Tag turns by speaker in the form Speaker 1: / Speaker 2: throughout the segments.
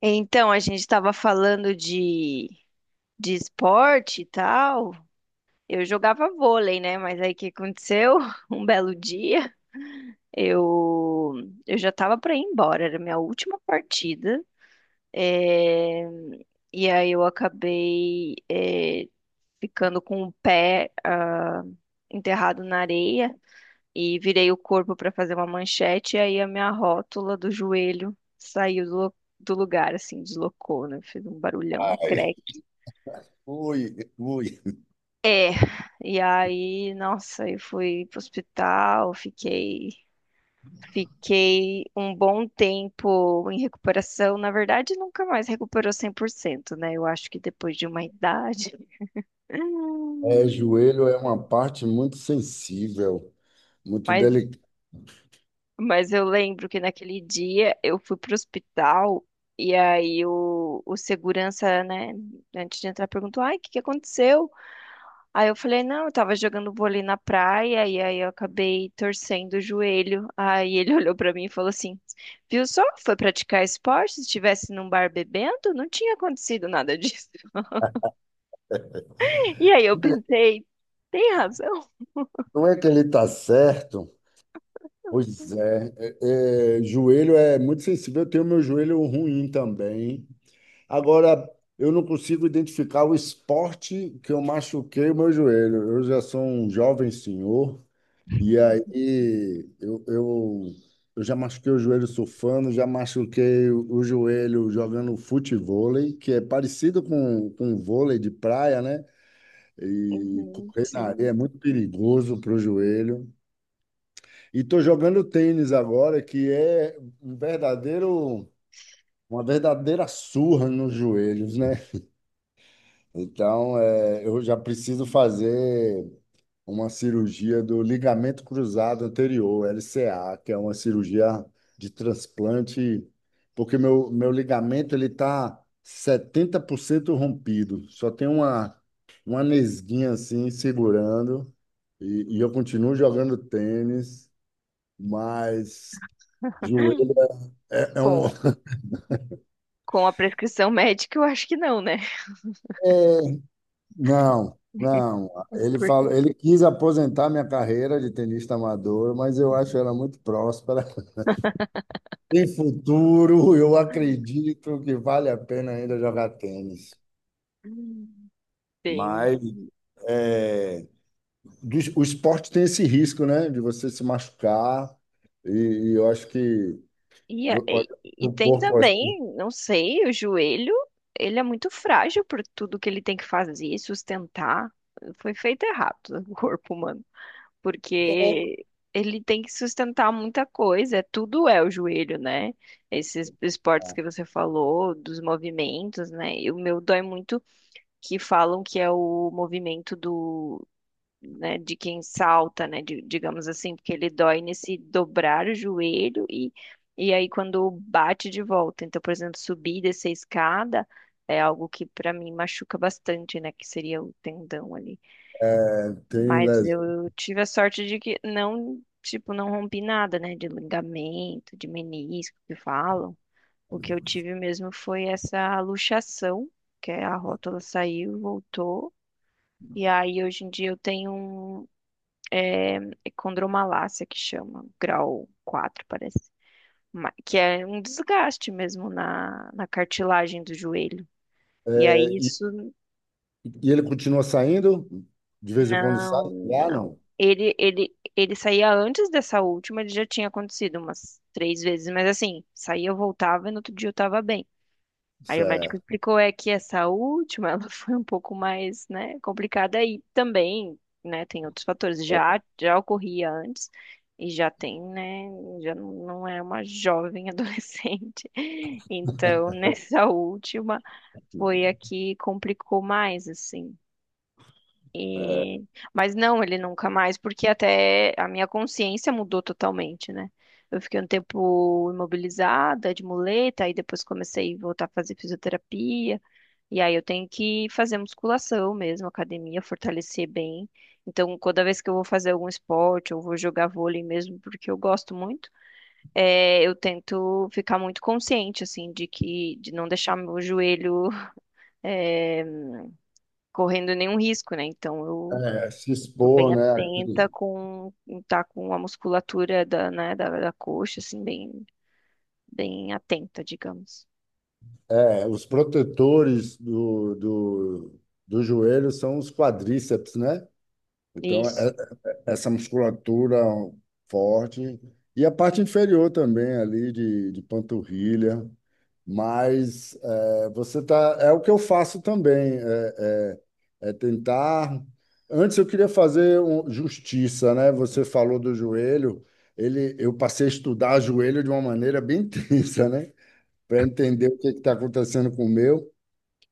Speaker 1: Então, a gente estava falando de esporte e tal. Eu jogava vôlei, né? Mas aí o que aconteceu? Um belo dia, eu, eu já estava para ir embora, era a minha última partida. É, e aí eu acabei, ficando com o pé, enterrado na areia e virei o corpo para fazer uma manchete, e aí a minha rótula do joelho saiu do lugar, assim, deslocou, né? Fez um barulhão, um
Speaker 2: Ai,
Speaker 1: creque.
Speaker 2: ui, ui.
Speaker 1: E aí, nossa, eu fui pro hospital, fiquei um bom tempo em recuperação. Na verdade, nunca mais recuperou 100%, né? Eu acho que depois de uma idade.
Speaker 2: É, joelho é uma parte muito sensível, muito
Speaker 1: Mas
Speaker 2: delicada.
Speaker 1: Mas eu lembro que naquele dia eu fui pro hospital e aí o segurança, né, antes de entrar, perguntou: Ai, o que que aconteceu? Aí eu falei: Não, eu tava jogando vôlei na praia e aí eu acabei torcendo o joelho. Aí ele olhou pra mim e falou assim: Viu só? Foi praticar esporte? Se estivesse num bar bebendo, não tinha acontecido nada disso. E aí eu pensei: Tem razão?
Speaker 2: Não é que ele está certo? Pois é, é, joelho é muito sensível. Eu tenho meu joelho ruim também. Agora, eu não consigo identificar o esporte que eu machuquei o meu joelho. Eu já sou um jovem senhor. E aí eu eu já machuquei o joelho surfando, já machuquei o joelho jogando futevôlei, que é parecido com vôlei de praia, né? E
Speaker 1: Uhum,
Speaker 2: correr na areia é
Speaker 1: sim.
Speaker 2: muito perigoso para o joelho. E tô jogando tênis agora, que é um verdadeiro, uma verdadeira surra nos joelhos, né? Então, é, eu já preciso fazer uma cirurgia do ligamento cruzado anterior, LCA, que é uma cirurgia de transplante, porque meu ligamento ele tá cento rompido, só tem uma nesguinha assim segurando, e eu continuo jogando tênis, mas joelho é um.
Speaker 1: Bom, com a prescrição médica, eu acho que não, né?
Speaker 2: é- não. Não, ele falou, ele quis aposentar minha carreira de tenista amador, mas eu acho ela muito próspera. Em futuro, eu acredito que vale a pena ainda jogar tênis.
Speaker 1: Hum. Tem.
Speaker 2: Mas é, o esporte tem esse risco, né? De você se machucar. E eu acho que
Speaker 1: E, a-
Speaker 2: vo-
Speaker 1: e, e
Speaker 2: o
Speaker 1: tem
Speaker 2: corpo é assim,
Speaker 1: também, não sei, o joelho, ele é muito frágil por tudo que ele tem que fazer, sustentar. Foi feito errado o corpo humano, porque ele tem que sustentar muita coisa, é tudo é o joelho, né? Esses esportes que você falou, dos movimentos, né? E o meu dói muito que falam que é o movimento do, né, de quem salta, né, digamos assim, porque ele dói nesse dobrar o joelho e aí quando bate de volta. Então, por exemplo, subir e descer a escada é algo que para mim machuca bastante, né, que seria o tendão ali.
Speaker 2: é, tem
Speaker 1: Mas
Speaker 2: lesão.
Speaker 1: eu tive a sorte de que não, tipo, não rompi nada, né, de ligamento, de menisco que falam. O que eu tive mesmo foi essa luxação, que é a rótula saiu, voltou. E aí, hoje em dia, eu tenho um condromalácia que chama, grau 4 parece. Que é um desgaste mesmo na cartilagem do joelho.
Speaker 2: É,
Speaker 1: E aí isso,
Speaker 2: e ele continua saindo? De vez em quando sai?
Speaker 1: não,
Speaker 2: Ah,
Speaker 1: não.
Speaker 2: não.
Speaker 1: Ele saía antes dessa última, ele já tinha acontecido umas 3 vezes, mas assim, saía, eu voltava e no outro dia eu tava bem. Aí o médico
Speaker 2: Certo.
Speaker 1: explicou é que essa última, ela foi um pouco mais, né, complicada e também, né, tem outros fatores. Já ocorria antes e já tem, né, já não é uma jovem adolescente. Então, nessa última foi a que complicou mais, assim.
Speaker 2: É,
Speaker 1: E... Mas não, ele nunca mais, porque até a minha consciência mudou totalmente, né? Eu fiquei um tempo imobilizada, de muleta, aí depois comecei a voltar a fazer fisioterapia. E aí eu tenho que fazer musculação mesmo, academia, fortalecer bem. Então, toda vez que eu vou fazer algum esporte, eu vou jogar vôlei mesmo, porque eu gosto muito, eu tento ficar muito consciente, assim, de que, de não deixar meu joelho, é, correndo nenhum risco, né? Então, eu
Speaker 2: É, se
Speaker 1: tô bem
Speaker 2: expor, né?
Speaker 1: atenta com tá com a musculatura da, né, da coxa, assim, bem, bem atenta, digamos.
Speaker 2: É, os protetores do joelho são os quadríceps, né? Então,
Speaker 1: Isso.
Speaker 2: essa musculatura forte e a parte inferior também ali de panturrilha. Mas é, você tá, é o que eu faço também, é tentar. Antes eu queria fazer justiça, né? Você falou do joelho, ele, eu passei a estudar joelho de uma maneira bem tensa, né? Para entender o que está acontecendo com o meu.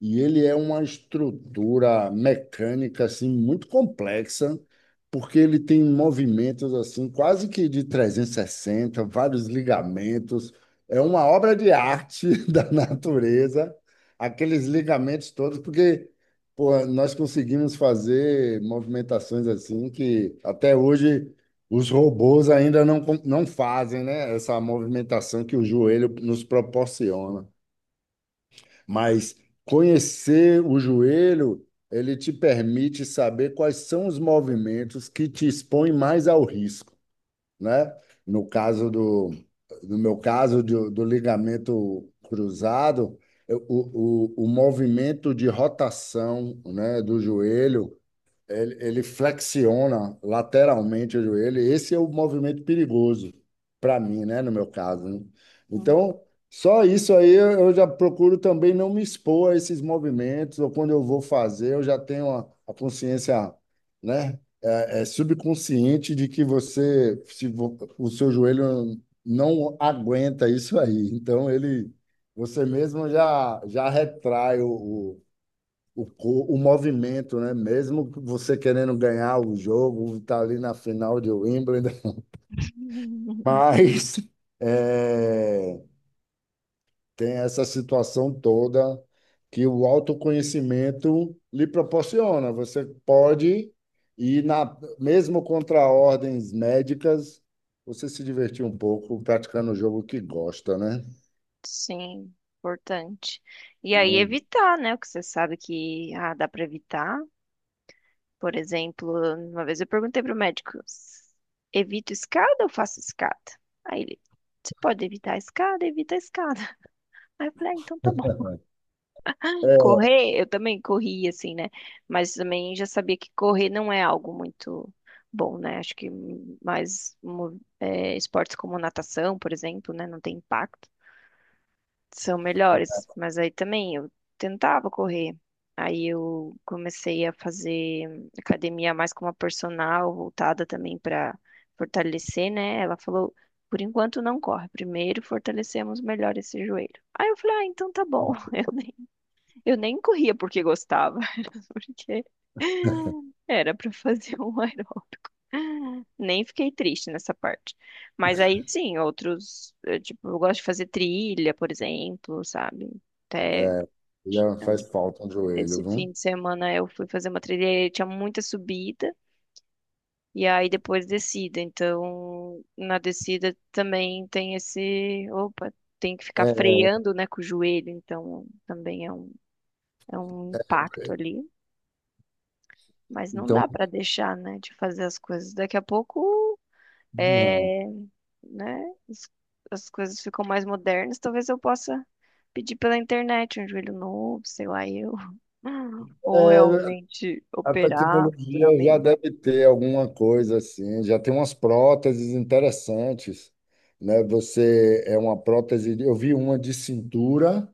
Speaker 2: E ele é uma estrutura mecânica assim muito complexa, porque ele tem movimentos assim quase que de 360, vários ligamentos. É uma obra de arte da natureza, aqueles ligamentos todos, porque pô, nós conseguimos fazer movimentações assim que até hoje os robôs ainda não fazem, né? Essa movimentação que o joelho nos proporciona. Mas conhecer o joelho, ele te permite saber quais são os movimentos que te expõem mais ao risco, né? No caso do, no meu caso do ligamento cruzado, o movimento de rotação, né, do joelho ele flexiona lateralmente o joelho. Esse é o movimento perigoso para mim, né? No meu caso, né?
Speaker 1: Uhum.
Speaker 2: Então, só isso aí eu já procuro também não me expor a esses movimentos, ou quando eu vou fazer, eu já tenho a consciência, né? É subconsciente de que você, se o seu joelho não aguenta isso aí. Então, ele, você mesmo já retrai o movimento, né? Mesmo que você querendo ganhar o jogo, tá ali na final de Wimbledon, mas é, tem essa situação toda que o autoconhecimento lhe proporciona. Você pode ir na, mesmo contra ordens médicas, você se divertir um pouco praticando o jogo que gosta, né?
Speaker 1: Sim, importante. E aí
Speaker 2: Não-
Speaker 1: evitar, né? O que você sabe que dá para evitar. Por exemplo, uma vez eu perguntei para o médico, evito escada ou faço escada? Aí ele, você pode evitar a escada, evita a escada. Aí eu falei, ah, então tá bom. Correr, eu também corri, assim, né? Mas também já sabia que correr não é algo muito bom, né? Acho que esportes como natação, por exemplo, né? Não tem impacto, são melhores. Mas aí também eu tentava correr. Aí eu comecei a fazer academia mais com uma personal, voltada também para fortalecer, né? Ela falou, por enquanto não corre, primeiro fortalecemos melhor esse joelho. Aí eu falei, ah, então tá bom. Eu nem corria porque gostava, era porque era pra fazer um aeróbico. Nem fiquei triste nessa parte. Mas aí sim, outros, eu, tipo, eu gosto de fazer trilha, por exemplo, sabe? Até
Speaker 2: É, já faz falta um joelho,
Speaker 1: esse fim
Speaker 2: viu?
Speaker 1: de semana eu fui fazer uma trilha e tinha muita subida e aí depois descida. Então, na descida também tem esse, opa, tem que ficar
Speaker 2: É,
Speaker 1: freando, né, com o joelho, então também é um impacto ali. Mas não
Speaker 2: então,
Speaker 1: dá para deixar, né, de fazer as coisas. Daqui a pouco,
Speaker 2: não.
Speaker 1: é, né, as coisas ficam mais modernas. Talvez eu possa pedir pela internet um joelho novo, sei lá, eu. Ou
Speaker 2: É,
Speaker 1: realmente
Speaker 2: a
Speaker 1: operar
Speaker 2: tecnologia já
Speaker 1: futuramente.
Speaker 2: deve ter alguma coisa assim, já tem umas próteses interessantes, né? Você é uma prótese, eu vi uma de cintura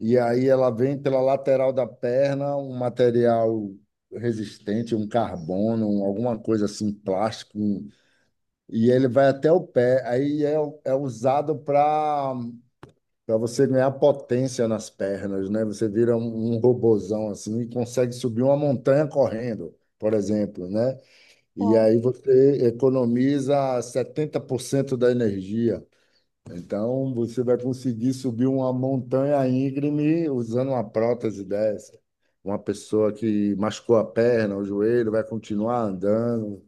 Speaker 2: e aí ela vem pela lateral da perna, um material resistente, um carbono, alguma coisa assim, plástico, um, e ele vai até o pé. É usado para você ganhar potência nas pernas, né? Você vira um robozão assim e consegue subir uma montanha correndo, por exemplo, né? E
Speaker 1: Bom,
Speaker 2: aí você economiza 70% da energia. Então você vai conseguir subir uma montanha íngreme usando uma prótese dessa. Uma pessoa que machucou a perna, o joelho, vai continuar andando.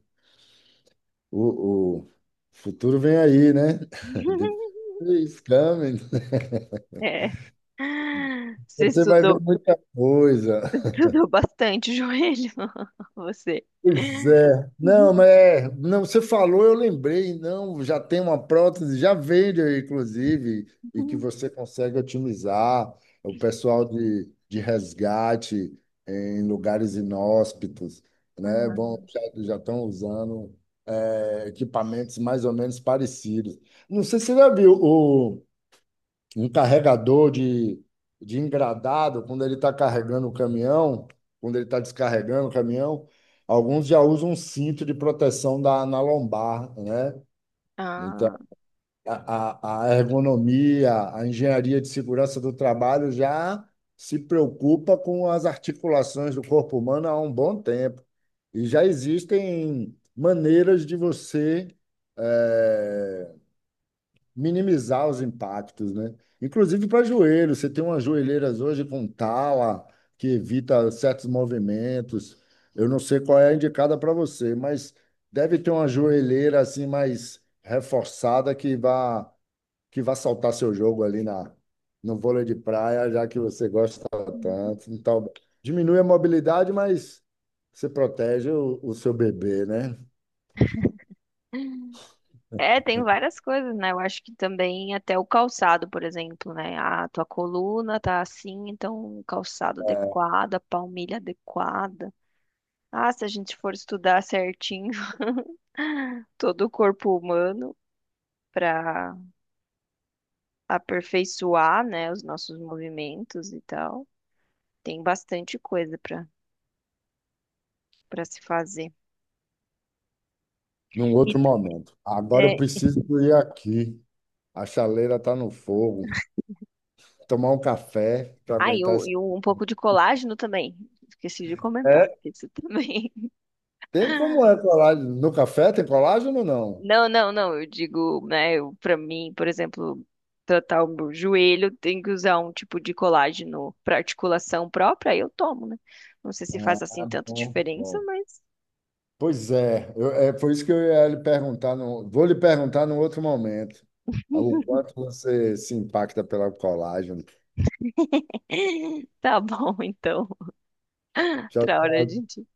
Speaker 2: O futuro vem aí, né? The future is coming.
Speaker 1: é. Você
Speaker 2: Você vai ver
Speaker 1: estudou,
Speaker 2: muita coisa.
Speaker 1: estudou bastante joelho, você.
Speaker 2: Pois é. Não, mas é, não, você falou, eu lembrei, não, já tem uma prótese, já vende, inclusive, e que você consegue otimizar o pessoal de resgate eh, em lugares inóspitos, né? Bom, já, já estão usando é, equipamentos mais ou menos parecidos. Não sei se você já viu um carregador de engradado, quando ele está carregando o caminhão, quando ele está descarregando o caminhão, alguns já usam um cinto de proteção da, na lombar, né? Então,
Speaker 1: Ah,
Speaker 2: a ergonomia, a engenharia de segurança do trabalho já se preocupa com as articulações do corpo humano há um bom tempo. E já existem maneiras de você eh, minimizar os impactos, né? Inclusive para joelhos, você tem umas joelheiras hoje com tala que evita certos movimentos. Eu não sei qual é a indicada para você, mas deve ter uma joelheira assim mais reforçada que vá saltar seu jogo ali na no vôlei de praia, já que você gosta tanto. Então, diminui a mobilidade, mas você protege o seu bebê, né?
Speaker 1: ah. É, tem várias coisas, né? Eu acho que também até o calçado, por exemplo, né? A tua coluna tá assim, então o calçado adequado, a palmilha adequada. Ah, se a gente for estudar certinho todo o corpo humano para aperfeiçoar, né, os nossos movimentos e tal, tem bastante coisa para se fazer.
Speaker 2: Num
Speaker 1: E
Speaker 2: outro momento. Agora eu
Speaker 1: é,
Speaker 2: preciso ir aqui. A chaleira tá no fogo. Tomar um café para
Speaker 1: ah, e,
Speaker 2: aguentar
Speaker 1: o-
Speaker 2: essa.
Speaker 1: e um pouco de colágeno também. Esqueci de comentar
Speaker 2: É,
Speaker 1: isso também.
Speaker 2: tem como é colágeno. No café tem colágeno ou não?
Speaker 1: Não, não, não. Eu digo, né, eu, pra mim, por exemplo, tratar o meu joelho, tem que usar um tipo de colágeno pra articulação própria, aí eu tomo, né? Não sei se faz assim
Speaker 2: Ah,
Speaker 1: tanta
Speaker 2: bom,
Speaker 1: diferença,
Speaker 2: bom.
Speaker 1: mas
Speaker 2: Pois é, é por isso que eu ia lhe perguntar, no, vou lhe perguntar num outro momento, o quanto você se impacta pela colagem.
Speaker 1: tá bom, então. Outra hora a
Speaker 2: Já
Speaker 1: gente